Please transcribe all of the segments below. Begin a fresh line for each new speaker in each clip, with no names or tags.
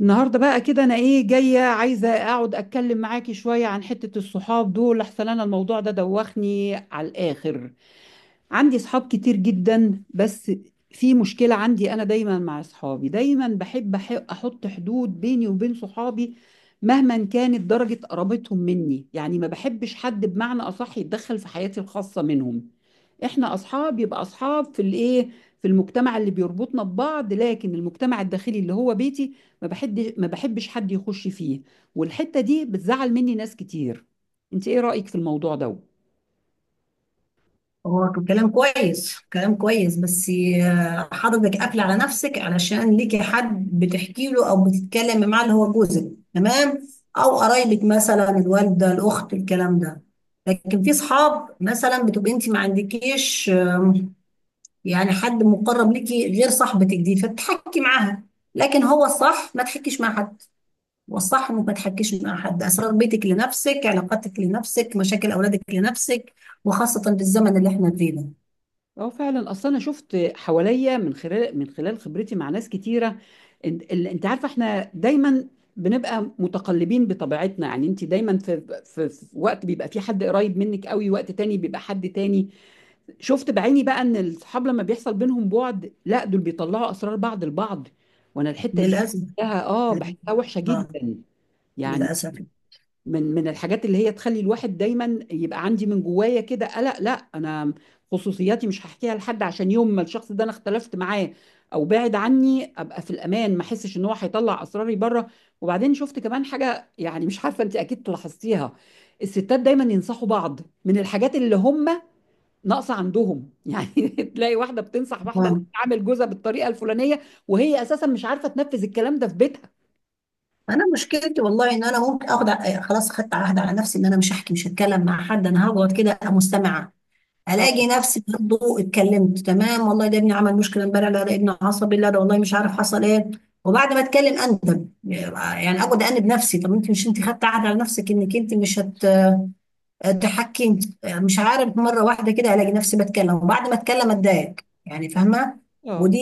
النهارده بقى كده، انا جايه عايزه اقعد اتكلم معاكي شويه عن حته الصحاب دول. احسن انا الموضوع ده دوخني على الاخر. عندي صحاب كتير جدا، بس في مشكلة عندي. أنا دايما مع صحابي، دايما بحب أحط حدود بيني وبين صحابي مهما كانت درجة قرابتهم مني. يعني ما بحبش حد، بمعنى أصح، يتدخل في حياتي الخاصة منهم. إحنا أصحاب يبقى أصحاب في في المجتمع اللي بيربطنا ببعض، لكن المجتمع الداخلي اللي هو بيتي، ما بحبش حد يخش فيه. والحتة دي بتزعل مني ناس كتير. أنت إيه رأيك في الموضوع ده؟
هو كلام كويس كلام كويس بس. حضرتك قافل على نفسك علشان ليكي حد بتحكي له او بتتكلمي معاه اللي هو جوزك، تمام، او قرايبك مثلا الوالده، الاخت، الكلام ده. لكن في اصحاب مثلا بتبقي انت ما عندكيش، يعني حد مقرب ليكي غير صاحبتك دي فتحكي معاها. لكن هو الصح ما تحكيش مع حد، والصح انك ما تحكيش مع حد. اسرار بيتك لنفسك، علاقاتك لنفسك، مشاكل اولادك لنفسك، وخاصه بالزمن اللي احنا فيه ده.
اه فعلا، اصل انا شفت حواليا، من خلال خبرتي مع ناس كتيره، انت عارفه احنا دايما بنبقى متقلبين بطبيعتنا. يعني انت دايما في وقت بيبقى في حد قريب منك قوي، وقت تاني بيبقى حد تاني. شفت بعيني بقى ان الصحاب لما بيحصل بينهم بعد، لا دول بيطلعوا اسرار بعض البعض. وانا الحته دي
للأسف.
بحسها وحشه
آه.
جدا. يعني
للأسف.
من الحاجات اللي هي تخلي الواحد دايما يبقى عندي من جوايا كده قلق. لا انا خصوصياتي مش هحكيها لحد، عشان يوم ما الشخص ده انا اختلفت معاه او بعد عني، ابقى في الامان، ما احسش ان هو هيطلع اسراري بره. وبعدين شفت كمان حاجه، يعني مش عارفه انت اكيد لاحظتيها. الستات دايما ينصحوا بعض من الحاجات اللي هم ناقصه عندهم يعني تلاقي واحده بتنصح واحده إنها
آه.
تعامل جوزها بالطريقه الفلانيه، وهي اساسا مش عارفه تنفذ الكلام ده في بيتها.
أنا مشكلتي والله إن أنا ممكن آخد ع- إيه، خلاص، خدت عهد على نفسي إن أنا مش هحكي، مش هتكلم مع حد، أنا هقعد كده أبقى مستمعة. ألاقي
اه.
نفسي برضه اتكلمت، تمام والله ده ابني عمل مشكلة امبارح، لا ده ابني عصبي، لا ده والله مش عارف حصل إيه. وبعد ما أتكلم أندب، يعني أقعد أنب نفسي، طب أنت مش أنت خدت عهد على نفسك إنك أنت مش هت، اتحكمت مش عارف، مره واحده كده الاقي نفسي بتكلم، وبعد ما اتكلم اتضايق. يعني فاهمه.
اه.
ودي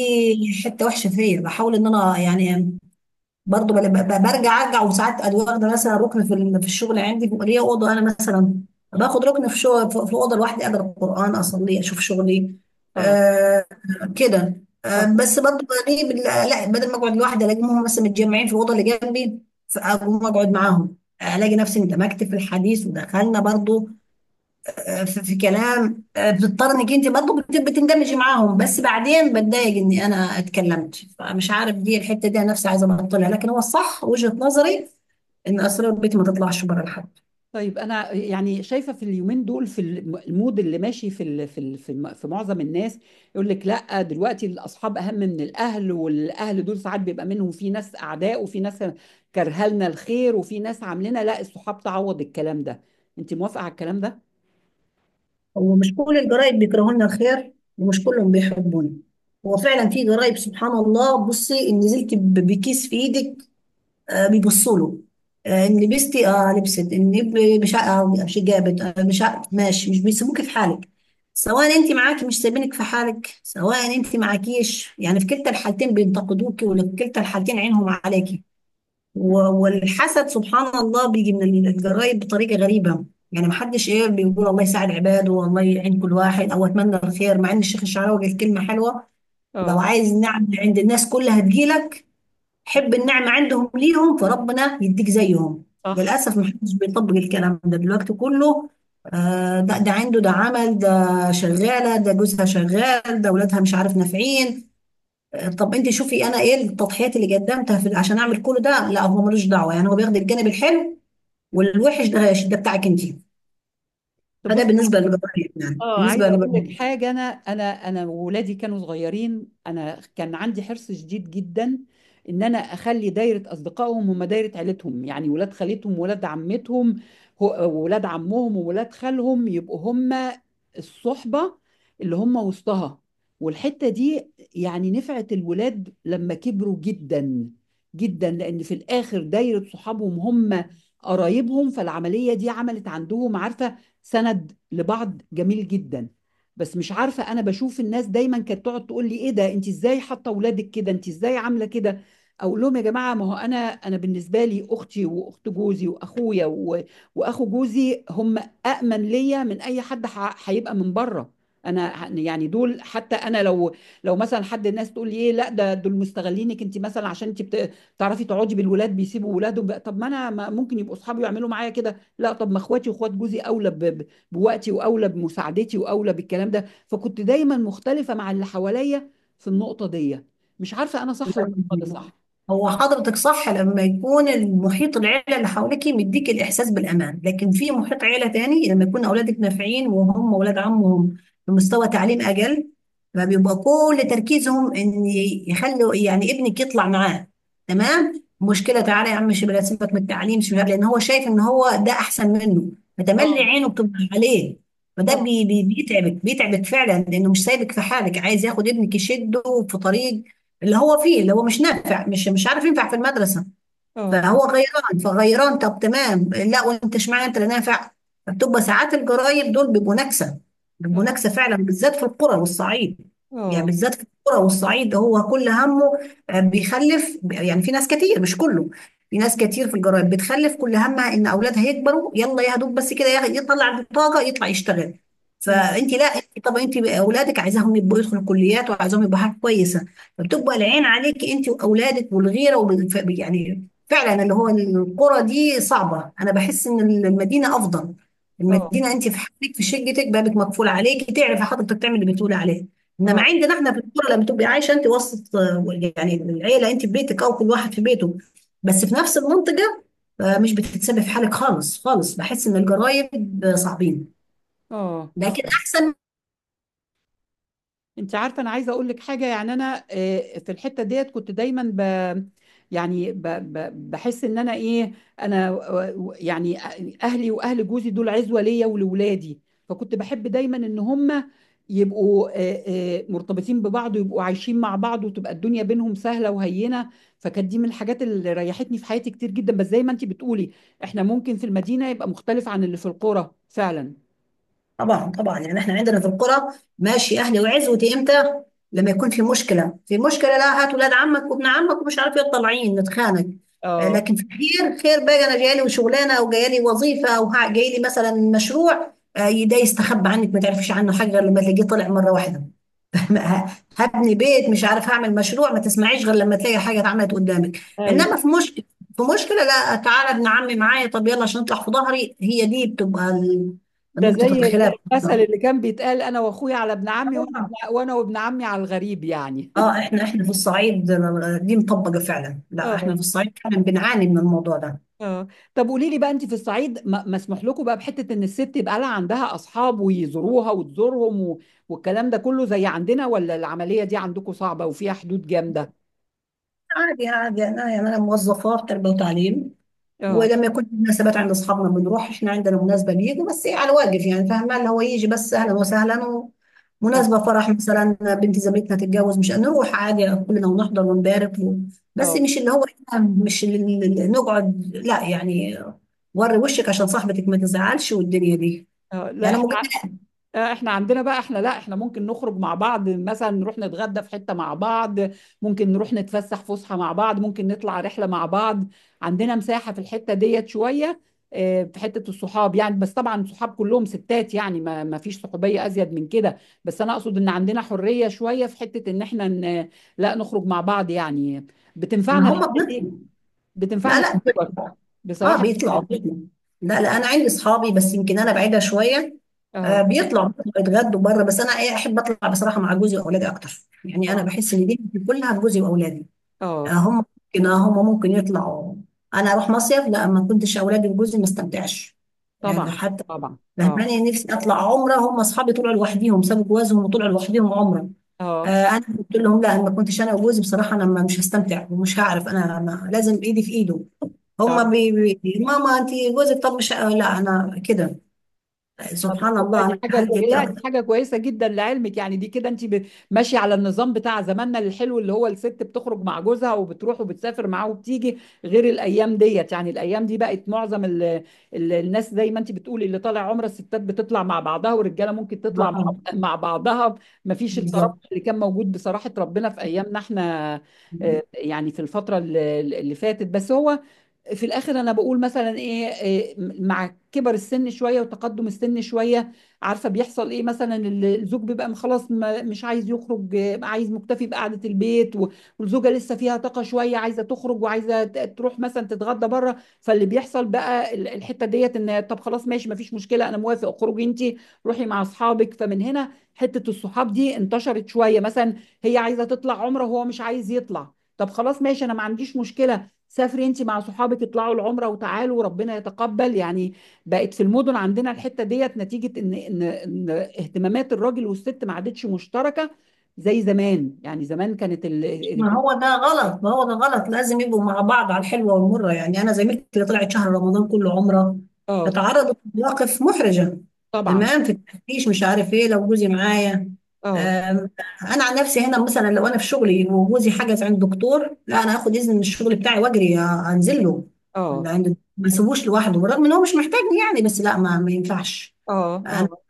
حته وحشه فيا، بحاول ان انا يعني برضه برجع ارجع. وساعات ادي واخده مثلا ركن في الشغل، عندي ليا اوضه انا مثلا، باخد ركن في شغل في اوضه لوحدي، اقرا القران، اصلي، اشوف شغلي.
اه.
آه، كده. آه
اه.
بس برضه بلاقي بال- لا بدل ما اقعد لوحدي الاقيهم مثلا متجمعين في الاوضه اللي جنبي، فاقوم اقعد معاهم، الاقي نفسي اندمجت في الحديث، ودخلنا برضه آه، في كلام. آه، بتضطر انك انت برضه بتندمجي معاهم، بس بعدين بتضايق اني انا اتكلمت. فمش عارف دي الحته دي انا نفسي عايزه ابطلها، لكن هو الصح وجهه نظري ان اسرار بيتي ما تطلعش بره لحد.
طيب انا يعني شايفه في اليومين دول، في المود اللي ماشي في ال- في ال- في م- في معظم الناس، يقول لك لا، دلوقتي الاصحاب اهم من الاهل، والاهل دول ساعات بيبقى منهم في ناس اعداء، وفي ناس كارهه لنا الخير، وفي ناس عاملنا لا، الصحاب تعوض الكلام ده. انت موافقه على الكلام ده؟
هو مش كل الجرايد بيكرهوا لنا الخير، ومش كلهم بيحبونا. هو فعلا في جرايد سبحان الله، بصي ان نزلت بكيس في ايدك آه، بيبصوا له. آه، ان لبستي، اه لبست ان مش جابت، آه، مش ع- ماشي مش بيسيبوكي في حالك. سواء انت معاكي مش سايبينك في حالك، سواء انت معاكيش، يعني في كلتا الحالتين بينتقدوكي، وفي كلتا الحالتين عينهم عليكي. و- والحسد سبحان الله بيجي من الجرايد بطريقه غريبه. يعني محدش ايه بيقول الله يساعد عباده، والله يعين كل واحد، او اتمنى الخير، مع ان الشيخ الشعراوي قال كلمه حلوه: لو
اه.
عايز نعمة عند الناس كلها هتجيلك، حب النعمة عندهم ليهم فربنا يديك زيهم.
صح.
للأسف محدش بيطبق الكلام ده دلوقتي كله. آه، ده عنده، ده عمل ده، شغالة، ده جوزها شغال، ده ولادها مش عارف نافعين. آه، طب انت شوفي انا ايه التضحيات اللي قدمتها في عشان اعمل كل ده، لا هو ملوش دعوة، يعني هو بياخد الجانب الحلو، والوحش ده بتاعك انت.
طب
فده
بص.
بالنسبة للجبار، يعني
اه،
بالنسبة
عايزه اقول
للجبار.
لك حاجه. انا وولادي كانوا صغيرين، انا كان عندي حرص شديد جدا ان انا اخلي دايره اصدقائهم هم دايره عيلتهم، يعني ولاد خالتهم، ولاد عمتهم، ولاد عمهم وولاد خالهم، يبقوا هم الصحبه اللي هم وسطها. والحته دي يعني نفعت الولاد لما كبروا جدا جدا، لان في الاخر دايره صحابهم هم قرايبهم. فالعمليه دي عملت عندهم، عارفه، سند لبعض جميل جدا. بس مش عارفه، انا بشوف الناس دايما كانت تقعد تقول لي: ايه ده، انت ازاي حاطه اولادك كده، انت ازاي عامله كده. اقول لهم يا جماعه، ما هو انا بالنسبه لي اختي واخت جوزي واخويا واخو جوزي، هم أأمن ليا من اي حد هيبقى من بره. انا يعني دول. حتى انا لو، مثلا حد، الناس تقول لي ايه، لا ده دول مستغلينك انت مثلا عشان انت بتعرفي تقعدي بالولاد، بيسيبوا ولادهم بقى. طب ما انا ممكن يبقوا اصحابي يعملوا معايا كده. لا، طب ما اخواتي واخوات جوزي اولى بوقتي، واولى بمساعدتي، واولى بالكلام ده. فكنت دايما مختلفه مع اللي حواليا في النقطه دي. مش عارفه انا صح ولا انت صح.
هو حضرتك صح لما يكون المحيط، العيلة اللي حواليك، مديك الإحساس بالأمان، لكن في محيط عيلة تاني لما يكون أولادك نافعين وهم أولاد عمهم بمستوى تعليم أقل، فبيبقى كل تركيزهم إن يخلوا يعني ابنك يطلع معاه. تمام، مشكلة، تعالى يا عم شباب، سيبك من التعليم شباب، لأن هو شايف إن هو ده أحسن منه، فتملي
اه.
عينه بتبقى عليه. فده
اه.
بيتعبك بيتعبك فعلا، لأنه مش سايبك في حالك، عايز ياخد ابنك يشده في طريق اللي هو فيه، اللي هو مش نافع، مش عارف ينفع في المدرسة.
اه.
فهو غيران، فغيران. طب تمام، لا وانت اشمعنى انت لا نافع. فبتبقى ساعات الجرايم دول بيبقوا نكسه، بيبقوا
اه.
نكسه فعلا، بالذات في القرى والصعيد. يعني
اه.
بالذات في القرى والصعيد هو كل همه آه، بيخلف. يعني في ناس كتير، مش كله، في ناس كتير في الجرايم بتخلف كل همها ان اولادها يكبروا، يلا يا دوب بس كده يطلع البطاقه يطلع يشتغل.
أمم.
فانت لا انت، طب انت اولادك عايزاهم يبقوا يدخلوا كليات، وعايزاهم يبقوا حاجه كويسه، فبتبقى العين عليك انت واولادك والغيره يعني. فعلا اللي هو القرى دي صعبة. أنا بحس إن المدينة أفضل.
اه.
المدينة أنت في حالك، في شقتك، بابك مقفول عليكي، تعرفي حضرتك تعمل اللي بتقولي عليه. إنما
اه.
عندنا إحنا في القرى لما تبقي عايشة أنت وسط آه، يعني العيلة، أنت في بيتك أو كل واحد في بيته بس في نفس المنطقة، آه، مش بتتسبب في حالك خالص خالص. بحس إن الجرايم آه، صعبين،
اه.
لكن أحسن.
انت عارفه، انا عايزه اقول لك حاجه. يعني انا، في الحته ديت كنت دايما يعني ب ب بحس ان انا انا يعني، اهلي واهل جوزي دول عزوه ليا ولولادي. فكنت بحب دايما ان هم يبقوا مرتبطين ببعض، ويبقوا عايشين مع بعض، وتبقى الدنيا بينهم سهله وهينه. فكانت دي من الحاجات اللي ريحتني في حياتي كتير جدا. بس زي ما انت بتقولي، احنا ممكن في المدينه يبقى مختلف عن اللي في القرى فعلا.
طبعا طبعا، يعني احنا عندنا في القرى ماشي، اهلي وعزوتي امتى؟ لما يكون في مشكله. في مشكله، لا هات ولاد عمك وابن عمك ومش عارف ايه، طالعين نتخانق آه،
اه.
لكن في خير، خير بقى انا جايه لي شغلانه او جايه لي وظيفه او جايه لي مثلا مشروع آه، ده يستخبى عنك، ما تعرفيش عنه حاجه غير لما تلاقيه طلع مره واحده. ه- هبني بيت، مش عارف هعمل مشروع، ما تسمعيش غير لما تلاقي حاجه اتعملت قدامك. انما
ايوه.
في مشكله، في مشكله لا تعالى ابن عمي معايا، طب يلا عشان نطلع في ظهري. هي دي بتبقى
ده
نقطه
زي
الخلاف.
المثل اللي كان بيتقال: انا واخويا على ابن عمي، وانا وابن عمي على الغريب، يعني
اه احنا في الصعيد دي مطبقه فعلا. لا احنا
اه.
في الصعيد فعلا بنعاني من الموضوع ده.
اه. طب قولي لي بقى، انت في الصعيد مسموح لكم بقى بحته ان الست يبقى لها عندها اصحاب ويزوروها وتزورهم، و... والكلام ده كله زي عندنا، ولا العمليه دي عندكم صعبه وفيها حدود جامده؟
عادي عادي، انا يعني انا موظفه في تربيه وتعليم،
اه.
ولما يكون في مناسبات عند اصحابنا بنروح، احنا عندنا مناسبه بيجوا، بس ايه، على واجب يعني، فاهمه اللي هو يجي بس اهلا وسهلا.
اه.
مناسبة فرح مثلا بنت زميلتنا تتجوز، مش هنروح عادي كلنا ونحضر ونبارك و... بس
اه.
مش اللي هو إحنا، مش اللي نقعد، لا يعني وري وشك عشان صاحبتك ما تزعلش والدنيا دي،
اه. لا
يعني مجرد
احنا، احنا عندنا بقى، احنا، لا احنا ممكن نخرج مع بعض، مثلا نروح نتغدى في حتة مع بعض. ممكن نروح نتفسح فسحة مع بعض، ممكن نطلع رحلة مع بعض. عندنا مساحة في الحتة ديت شوية، في حتة الصحاب يعني. بس طبعا صحاب كلهم ستات يعني، ما فيش صحوبية أزيد من كده. بس أنا أقصد إن عندنا حرية شوية في حتة إن احنا لا نخرج مع بعض يعني.
ما
بتنفعنا
هم
الحتة دي،
بنطلع. لا
بتنفعنا في
لا
الكبر
بنطلع. اه
بصراحة.
بيطلعوا بيطلعوا. لا لا انا عندي اصحابي، بس يمكن انا بعيدة شوية.
اه.
آه بيطلعوا، يتغدوا بره، بس انا احب اطلع بصراحة مع جوزي واولادي اكتر. يعني انا
اه.
بحس ان دي كلها بجوزي واولادي
اه.
هم. ممكن آه، هم ممكن يطلعوا. انا اروح مصيف لا ما كنتش اولادي وجوزي ما استمتعش، يعني
طبعا.
حتى
طبعا. اه.
فهماني نفسي اطلع عمره. هم اصحابي طلعوا لوحديهم، سابوا جوازهم وطلعوا لوحديهم عمره.
اه.
آه انا قلت لهم لا، أنا ما كنتش انا وجوزي بصراحه انا مش هستمتع، ومش هعرف، انا ما لازم ايدي في ايده. هم
طيب.
بي ماما انت جوزك، طب مش آه، لا انا كده
طب
سبحان
والله
الله
دي
انا
حاجة
عندي
كويسة،
دي
لا دي
اكتر.
حاجة كويسة جدا لعلمك. يعني دي كده انت ماشية على النظام بتاع زماننا الحلو، اللي هو الست بتخرج مع جوزها وبتروح وبتسافر معاه وبتيجي، غير الأيام ديت. يعني الأيام دي بقت معظم ال الناس، زي ما انت بتقولي، اللي طالع عمرة الستات بتطلع مع بعضها، والرجالة ممكن تطلع مع
اه
مع بعضها. مفيش
بالظبط.
الترابط اللي كان موجود، بصراحة ربنا، في أيامنا احنا، يعني في الفترة اللي فاتت. بس هو في الاخر انا بقول مثلا، ايه إيه، مع كبر السن شويه وتقدم السن شويه، عارفه بيحصل ايه. مثلا الزوج بيبقى، خلاص مش عايز يخرج، عايز مكتفي بقعده البيت، والزوجه لسه فيها طاقه شويه، عايزه تخرج وعايزه تروح مثلا تتغدى بره. فاللي بيحصل بقى الحته ديت، ان طب خلاص ماشي ما فيش مشكله، انا موافق، اخرجي انت، روحي مع اصحابك. فمن هنا حته الصحاب دي انتشرت شويه، مثلا هي عايزه تطلع عمره وهو مش عايز يطلع، طب خلاص ماشي، انا ما عنديش مشكله، سافري انت مع صحابك، اطلعوا العمره وتعالوا وربنا يتقبل يعني. بقت في المدن عندنا الحته ديت نتيجه ان اهتمامات الراجل والست ما عادتش مشتركه زي زمان. يعني زمان كانت
ما هو ده غلط، ما هو ده غلط، لازم يبقوا مع بعض على الحلوة والمرة. يعني أنا زميلتي اللي طلعت شهر رمضان كله عمرة
اه.
اتعرضت لمواقف محرجة،
طبعا.
تمام، في التفتيش مش عارف إيه. لو جوزي معايا.
اه.
آم، أنا عن نفسي، هنا مثلا لو أنا في شغلي وجوزي حجز عند دكتور، لا أنا هاخد إذن من الشغل بتاعي وأجري آه، أنزل له
اه.
اللي عند، ما اسيبوش لوحده، بالرغم إن هو مش محتاجني يعني، بس لا ما ينفعش.
اه.
أنا
اه.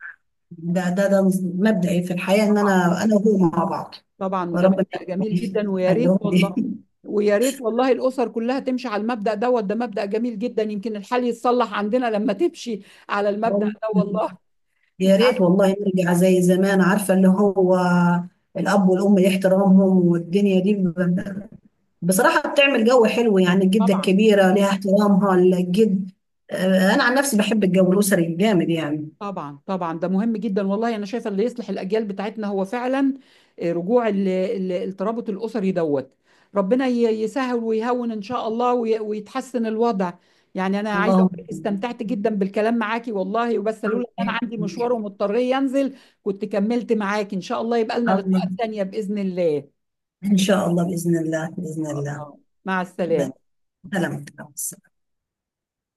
ده مبدئي في الحياة إن
طبعا.
أنا، أنا وهو مع بعض.
طبعا، وده
وربنا
مبدأ جميل
يخليهم
جدا ويا ريت
لي.
والله. ويا ريت والله الاسر كلها تمشي على المبدأ دوت. ده مبدأ جميل جدا، يمكن الحال يتصلح عندنا لما تمشي على المبدأ
والله
ده والله.
يا
انت
ريت
عارفه.
والله نرجع زي زمان، عارفة اللي هو الأب والأم احترامهم، والدنيا دي ب- بصراحة بتعمل جو حلو، يعني الجدة
طبعا.
الكبيرة ليها احترامها، الجد، آه، أنا عن نفسي بحب الجو الأسري الجامد يعني.
طبعا. طبعا ده مهم جدا والله. انا شايفه اللي يصلح الاجيال بتاعتنا هو فعلا رجوع الترابط الاسري دوت. ربنا يسهل ويهون ان شاء الله، ويتحسن الوضع. يعني انا عايزه
اللهم.
اقول لك استمتعت جدا بالكلام معاكي والله، وبس لولا ان انا عندي مشوار ومضطر ينزل كنت كملت معاكي. ان شاء الله يبقى لنا
الله.
لقاءات تانيه باذن الله.
إن شاء الله، بإذن الله، بإذن الله.
آه. مع السلامه.
سلامتك.